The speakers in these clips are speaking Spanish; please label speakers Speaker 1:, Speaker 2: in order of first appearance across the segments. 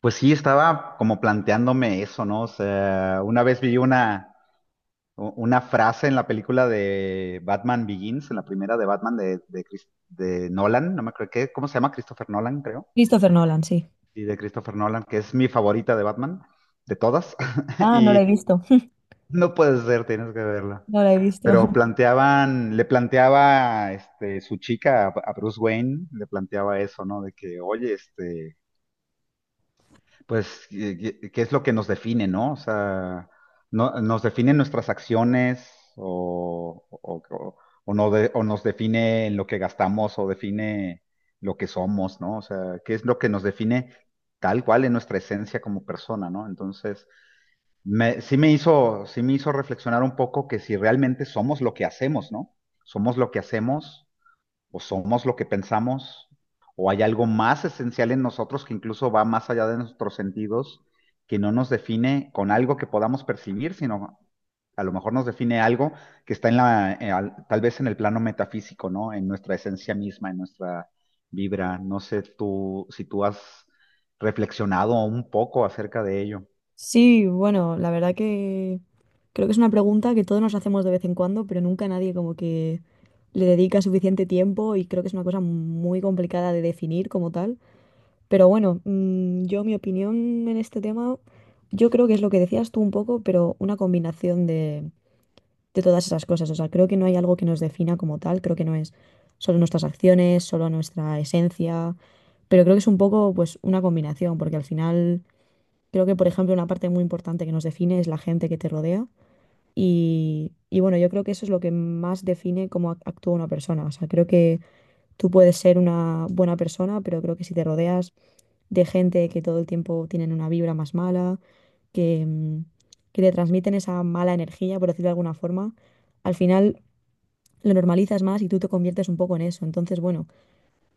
Speaker 1: Pues sí, estaba como planteándome eso, ¿no? O sea, una vez vi una, una frase en la película de Batman Begins, en la primera de Batman de Nolan, no me acuerdo qué, ¿cómo se llama? Christopher Nolan, creo.
Speaker 2: Christopher Nolan, sí.
Speaker 1: Sí, de Christopher Nolan, que es mi favorita de Batman, de todas.
Speaker 2: Ah, no la he
Speaker 1: Y
Speaker 2: visto.
Speaker 1: no puede ser, tienes que verla.
Speaker 2: No la he visto.
Speaker 1: Pero planteaban, le planteaba su chica a Bruce Wayne, le planteaba eso, ¿no? De que, oye, este. Pues, ¿qué es lo que nos define, no? O sea, no, ¿nos definen nuestras acciones o, o, o- o no o nos define en lo que gastamos o define lo que somos, ¿no? O sea, ¿qué es lo que nos define tal cual en nuestra esencia como persona, ¿no? Entonces, sí me hizo reflexionar un poco que si realmente somos lo que hacemos, ¿no? Somos lo que hacemos o somos lo que pensamos, o hay algo más esencial en nosotros que incluso va más allá de nuestros sentidos, que no nos define con algo que podamos percibir, sino a lo mejor nos define algo que está en tal vez en el plano metafísico, ¿no? En nuestra esencia misma, en nuestra vibra. No sé tú si tú has reflexionado un poco acerca de ello.
Speaker 2: Sí, bueno, la verdad que creo que es una pregunta que todos nos hacemos de vez en cuando, pero nunca nadie como que le dedica suficiente tiempo y creo que es una cosa muy complicada de definir como tal. Pero bueno, yo mi opinión en este tema, yo creo que es lo que decías tú un poco, pero una combinación de todas esas cosas. O sea, creo que no hay algo que nos defina como tal, creo que no es solo nuestras acciones, solo nuestra esencia, pero creo que es un poco pues una combinación, porque al final creo que, por ejemplo, una parte muy importante que nos define es la gente que te rodea y bueno, yo creo que eso es lo que más define cómo actúa una persona. O sea, creo que tú puedes ser una buena persona, pero creo que si te rodeas de gente que todo el tiempo tienen una vibra más mala, que... mm, que te transmiten esa mala energía, por decirlo de alguna forma, al final lo normalizas más y tú te conviertes un poco en eso. Entonces, bueno,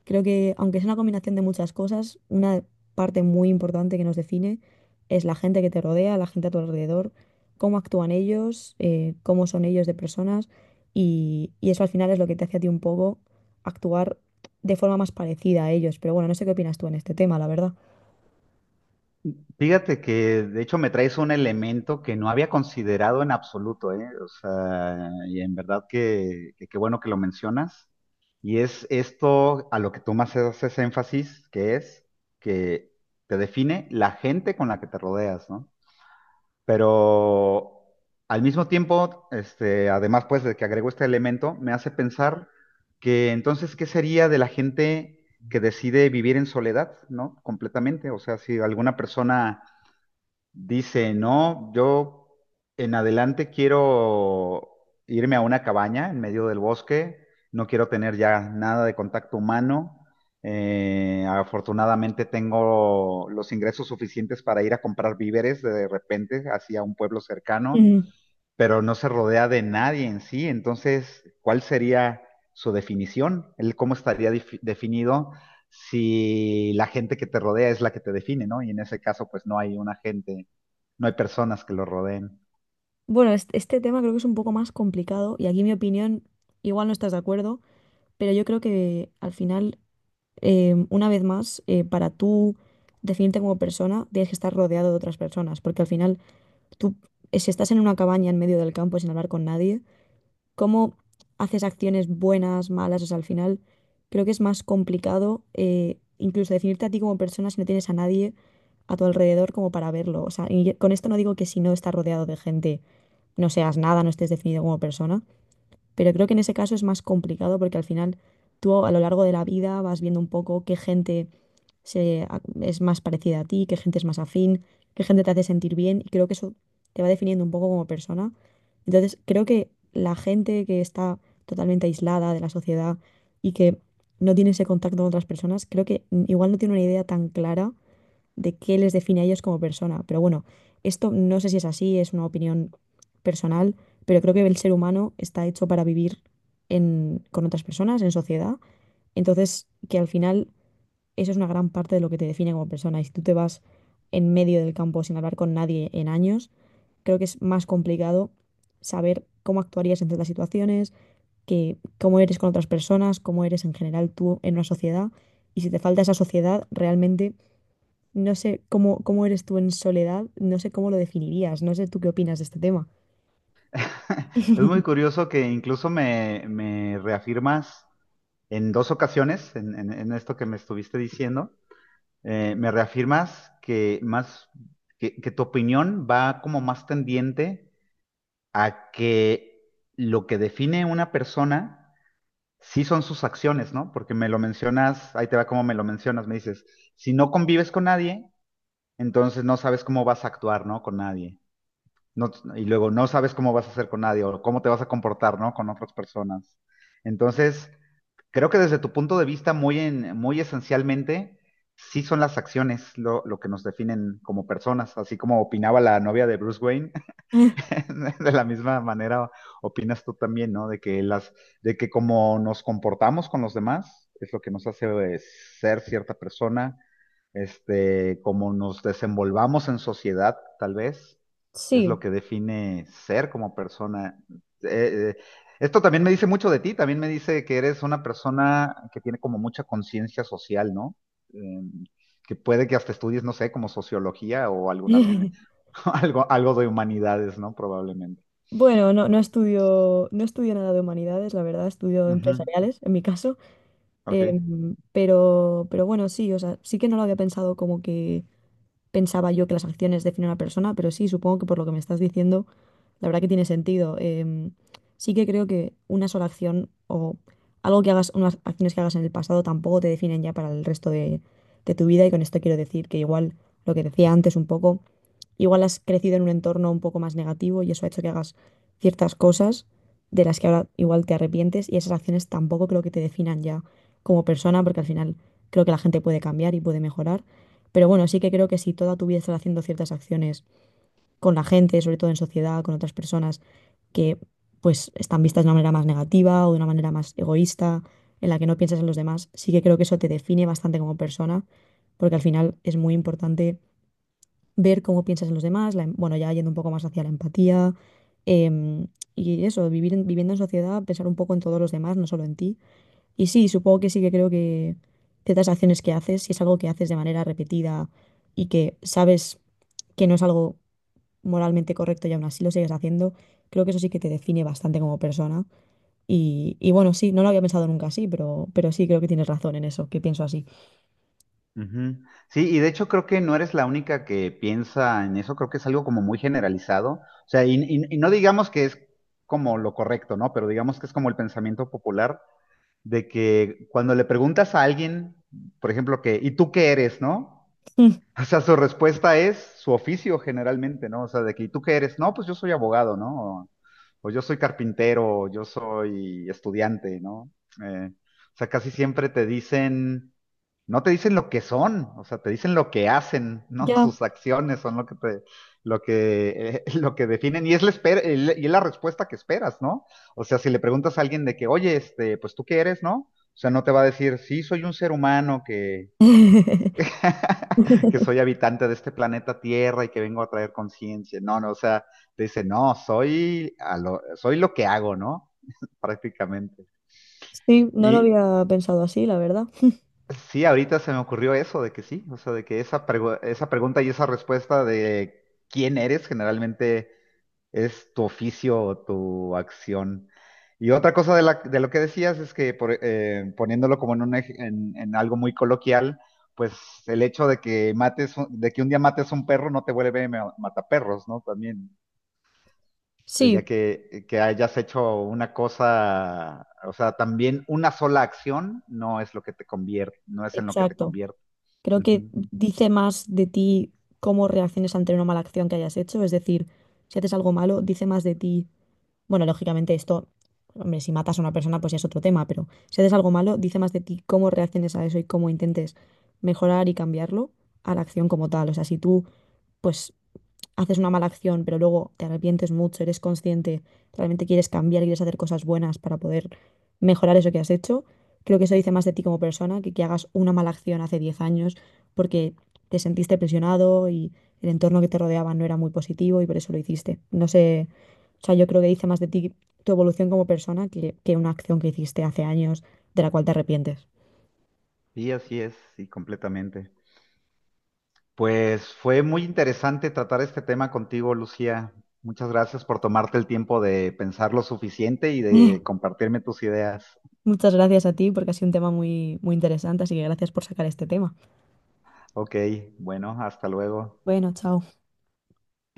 Speaker 2: creo que aunque es una combinación de muchas cosas, una parte muy importante que nos define es la gente que te rodea, la gente a tu alrededor, cómo actúan ellos, cómo son ellos de personas y eso al final es lo que te hace a ti un poco actuar de forma más parecida a ellos. Pero bueno, no sé qué opinas tú en este tema, la verdad.
Speaker 1: Fíjate que de hecho me traes un elemento que no había considerado en absoluto, ¿eh? O sea, y en verdad que qué bueno que lo mencionas. Y es esto a lo que tú más haces énfasis, que es que te define la gente con la que te rodeas, ¿no? Pero al mismo tiempo, además pues de que agrego este elemento, me hace pensar que entonces, ¿qué sería de la gente que decide vivir en soledad, ¿no? Completamente. O sea, si alguna persona dice, no, yo en adelante quiero irme a una cabaña en medio del bosque, no quiero tener ya nada de contacto humano. Afortunadamente tengo los ingresos suficientes para ir a comprar víveres de repente hacia un pueblo cercano,
Speaker 2: Mm.
Speaker 1: pero no se rodea de nadie en sí. Entonces, ¿cuál sería su definición? ¿El cómo estaría definido si la gente que te rodea es la que te define, ¿no? Y en ese caso, pues no hay una gente, no hay personas que lo rodeen.
Speaker 2: Bueno, este tema creo que es un poco más complicado y aquí mi opinión, igual no estás de acuerdo, pero yo creo que al final una vez más, para tú definirte como persona, tienes que estar rodeado de otras personas, porque al final tú, si estás en una cabaña en medio del campo sin hablar con nadie, ¿cómo haces acciones buenas, malas? O sea, al final creo que es más complicado incluso definirte a ti como persona si no tienes a nadie a tu alrededor como para verlo. O sea, con esto no digo que si no estás rodeado de gente no seas nada, no estés definido como persona, pero creo que en ese caso es más complicado porque al final tú a lo largo de la vida vas viendo un poco qué gente es más parecida a ti, qué gente es más afín, qué gente te hace sentir bien y creo que eso te va definiendo un poco como persona. Entonces, creo que la gente que está totalmente aislada de la sociedad y que no tiene ese contacto con otras personas, creo que igual no tiene una idea tan clara de qué les define a ellos como persona. Pero bueno, esto no sé si es así, es una opinión personal, pero creo que el ser humano está hecho para vivir con otras personas, en sociedad. Entonces, que al final eso es una gran parte de lo que te define como persona. Y si tú te vas en medio del campo sin hablar con nadie en años, creo que es más complicado saber cómo actuarías en ciertas situaciones, que, cómo eres con otras personas, cómo eres en general tú en una sociedad. Y si te falta esa sociedad, realmente no sé cómo, cómo eres tú en soledad, no sé cómo lo definirías, no sé tú qué opinas de este tema.
Speaker 1: Es muy curioso que incluso me reafirmas en dos ocasiones, en esto que me estuviste diciendo, me reafirmas que más, que tu opinión va como más tendiente a que lo que define una persona sí son sus acciones, ¿no? Porque me lo mencionas, ahí te va como me lo mencionas, me dices, si no convives con nadie, entonces no sabes cómo vas a actuar, ¿no? Con nadie. no- y luego no sabes cómo vas a hacer con nadie o cómo te vas a comportar, ¿no? Con otras personas. Entonces, creo que desde tu punto de vista, muy esencialmente, sí son las acciones lo que nos definen como personas, así como opinaba la novia de Bruce Wayne, de la misma manera opinas tú también, ¿no? De que de que como nos comportamos con los demás es lo que nos hace eh, ser cierta persona, como nos desenvolvamos en sociedad, tal vez, es
Speaker 2: Sí.
Speaker 1: lo que define ser como persona. Eh, eh, Esto también me dice mucho de ti, también me dice que eres una persona que tiene como mucha conciencia social, ¿no? Eh, que puede que hasta estudies, no sé, como sociología o algunas, algo, algo de humanidades, ¿no? Probablemente.
Speaker 2: Bueno, no, no estudio nada de humanidades, la verdad, estudio
Speaker 1: Ujú.
Speaker 2: empresariales, en mi caso.
Speaker 1: Ok.
Speaker 2: Pero bueno, sí, o sea, sí que no lo había pensado como que pensaba yo que las acciones definen a una persona, pero sí, supongo que por lo que me estás diciendo, la verdad que tiene sentido. Sí que creo que una sola acción o algo que hagas, unas acciones que hagas en el pasado tampoco te definen ya para el resto de tu vida. Y con esto quiero decir que igual lo que decía antes un poco, igual has crecido en un entorno un poco más negativo y eso ha hecho que hagas ciertas cosas de las que ahora igual te arrepientes y esas acciones tampoco creo que te definan ya como persona, porque al final creo que la gente puede cambiar y puede mejorar pero bueno, sí que creo que si toda tu vida estás haciendo ciertas acciones con la gente, sobre todo en sociedad, con otras personas que pues están vistas de una manera más negativa o de una manera más egoísta, en la que no piensas en los demás, sí que creo que eso te define bastante como persona, porque al final es muy importante ver cómo piensas en los demás, bueno, ya yendo un poco más hacia la empatía, em, y eso, viviendo en sociedad, pensar un poco en todos los demás, no solo en ti, y sí, supongo que sí que creo que ciertas acciones que haces, si es algo que haces de manera repetida y que sabes que no es algo moralmente correcto y aún así lo sigues haciendo, creo que eso sí que te define bastante como persona. Y bueno, sí, no lo había pensado nunca así, pero sí creo que tienes razón en eso, que pienso así.
Speaker 1: Ujú. Sí, y de hecho creo que no eres la única que piensa en eso, creo que es algo como muy generalizado, o sea, y no digamos que es como lo correcto, ¿no? Pero digamos que es como el pensamiento popular de que cuando le preguntas a alguien, por ejemplo, que, ¿y tú qué eres, no?
Speaker 2: Mm.
Speaker 1: O sea, su respuesta es su oficio generalmente, ¿no? O sea, de que, ¿y tú qué eres? No, pues yo soy abogado, ¿no? O, o yo soy carpintero, o yo soy estudiante, ¿no? O sea, casi siempre te dicen, no te dicen lo que son, o sea, te dicen lo que hacen, ¿no?
Speaker 2: Ya.
Speaker 1: Sus acciones son lo que te, lo que definen y es la y es la respuesta que esperas, ¿no? O sea, si le preguntas a alguien de que, oye, pues tú qué eres, ¿no? O sea, no te va a decir, sí, soy un ser humano que que soy habitante de este planeta Tierra y que vengo a traer conciencia. No, no, o sea, te dice, no, soy, a lo, soy lo que hago, ¿no? Prácticamente.
Speaker 2: Sí, no lo
Speaker 1: Y
Speaker 2: había pensado así, la verdad.
Speaker 1: sí, ahorita se me ocurrió eso, de que sí, o sea, de que esa, esa pregunta y esa respuesta de quién eres generalmente es tu oficio o tu acción. Y otra cosa de lo que decías es que poniéndolo como un en algo muy coloquial, pues el hecho de que mates, de que un día mates un perro no te vuelve mataperros, ¿no? También el
Speaker 2: Sí,
Speaker 1: día que hayas hecho una cosa, o sea, también una sola acción no es lo que te convierte, no es en lo que te
Speaker 2: exacto.
Speaker 1: convierte.
Speaker 2: Creo que
Speaker 1: Ujú.
Speaker 2: dice más de ti cómo reacciones ante una mala acción que hayas hecho. Es decir, si haces algo malo, dice más de ti. Bueno, lógicamente esto, hombre, si matas a una persona, pues ya es otro tema, pero si haces algo malo, dice más de ti cómo reacciones a eso y cómo intentes mejorar y cambiarlo a la acción como tal. O sea, si tú, pues haces una mala acción, pero luego te arrepientes mucho, eres consciente, realmente quieres cambiar, quieres hacer cosas buenas para poder mejorar eso que has hecho, creo que eso dice más de ti como persona que hagas una mala acción hace 10 años porque te sentiste presionado y el entorno que te rodeaba no era muy positivo y por eso lo hiciste. No sé, o sea, yo creo que dice más de ti tu evolución como persona que una acción que hiciste hace años de la cual te arrepientes.
Speaker 1: Sí, así es, sí, completamente. Pues fue muy interesante tratar este tema contigo, Lucía. Muchas gracias por tomarte el tiempo de pensar lo suficiente y de compartirme tus ideas.
Speaker 2: Muchas gracias a ti porque ha sido un tema muy, muy interesante, así que gracias por sacar este tema.
Speaker 1: Ok, bueno, hasta luego.
Speaker 2: Bueno, chao.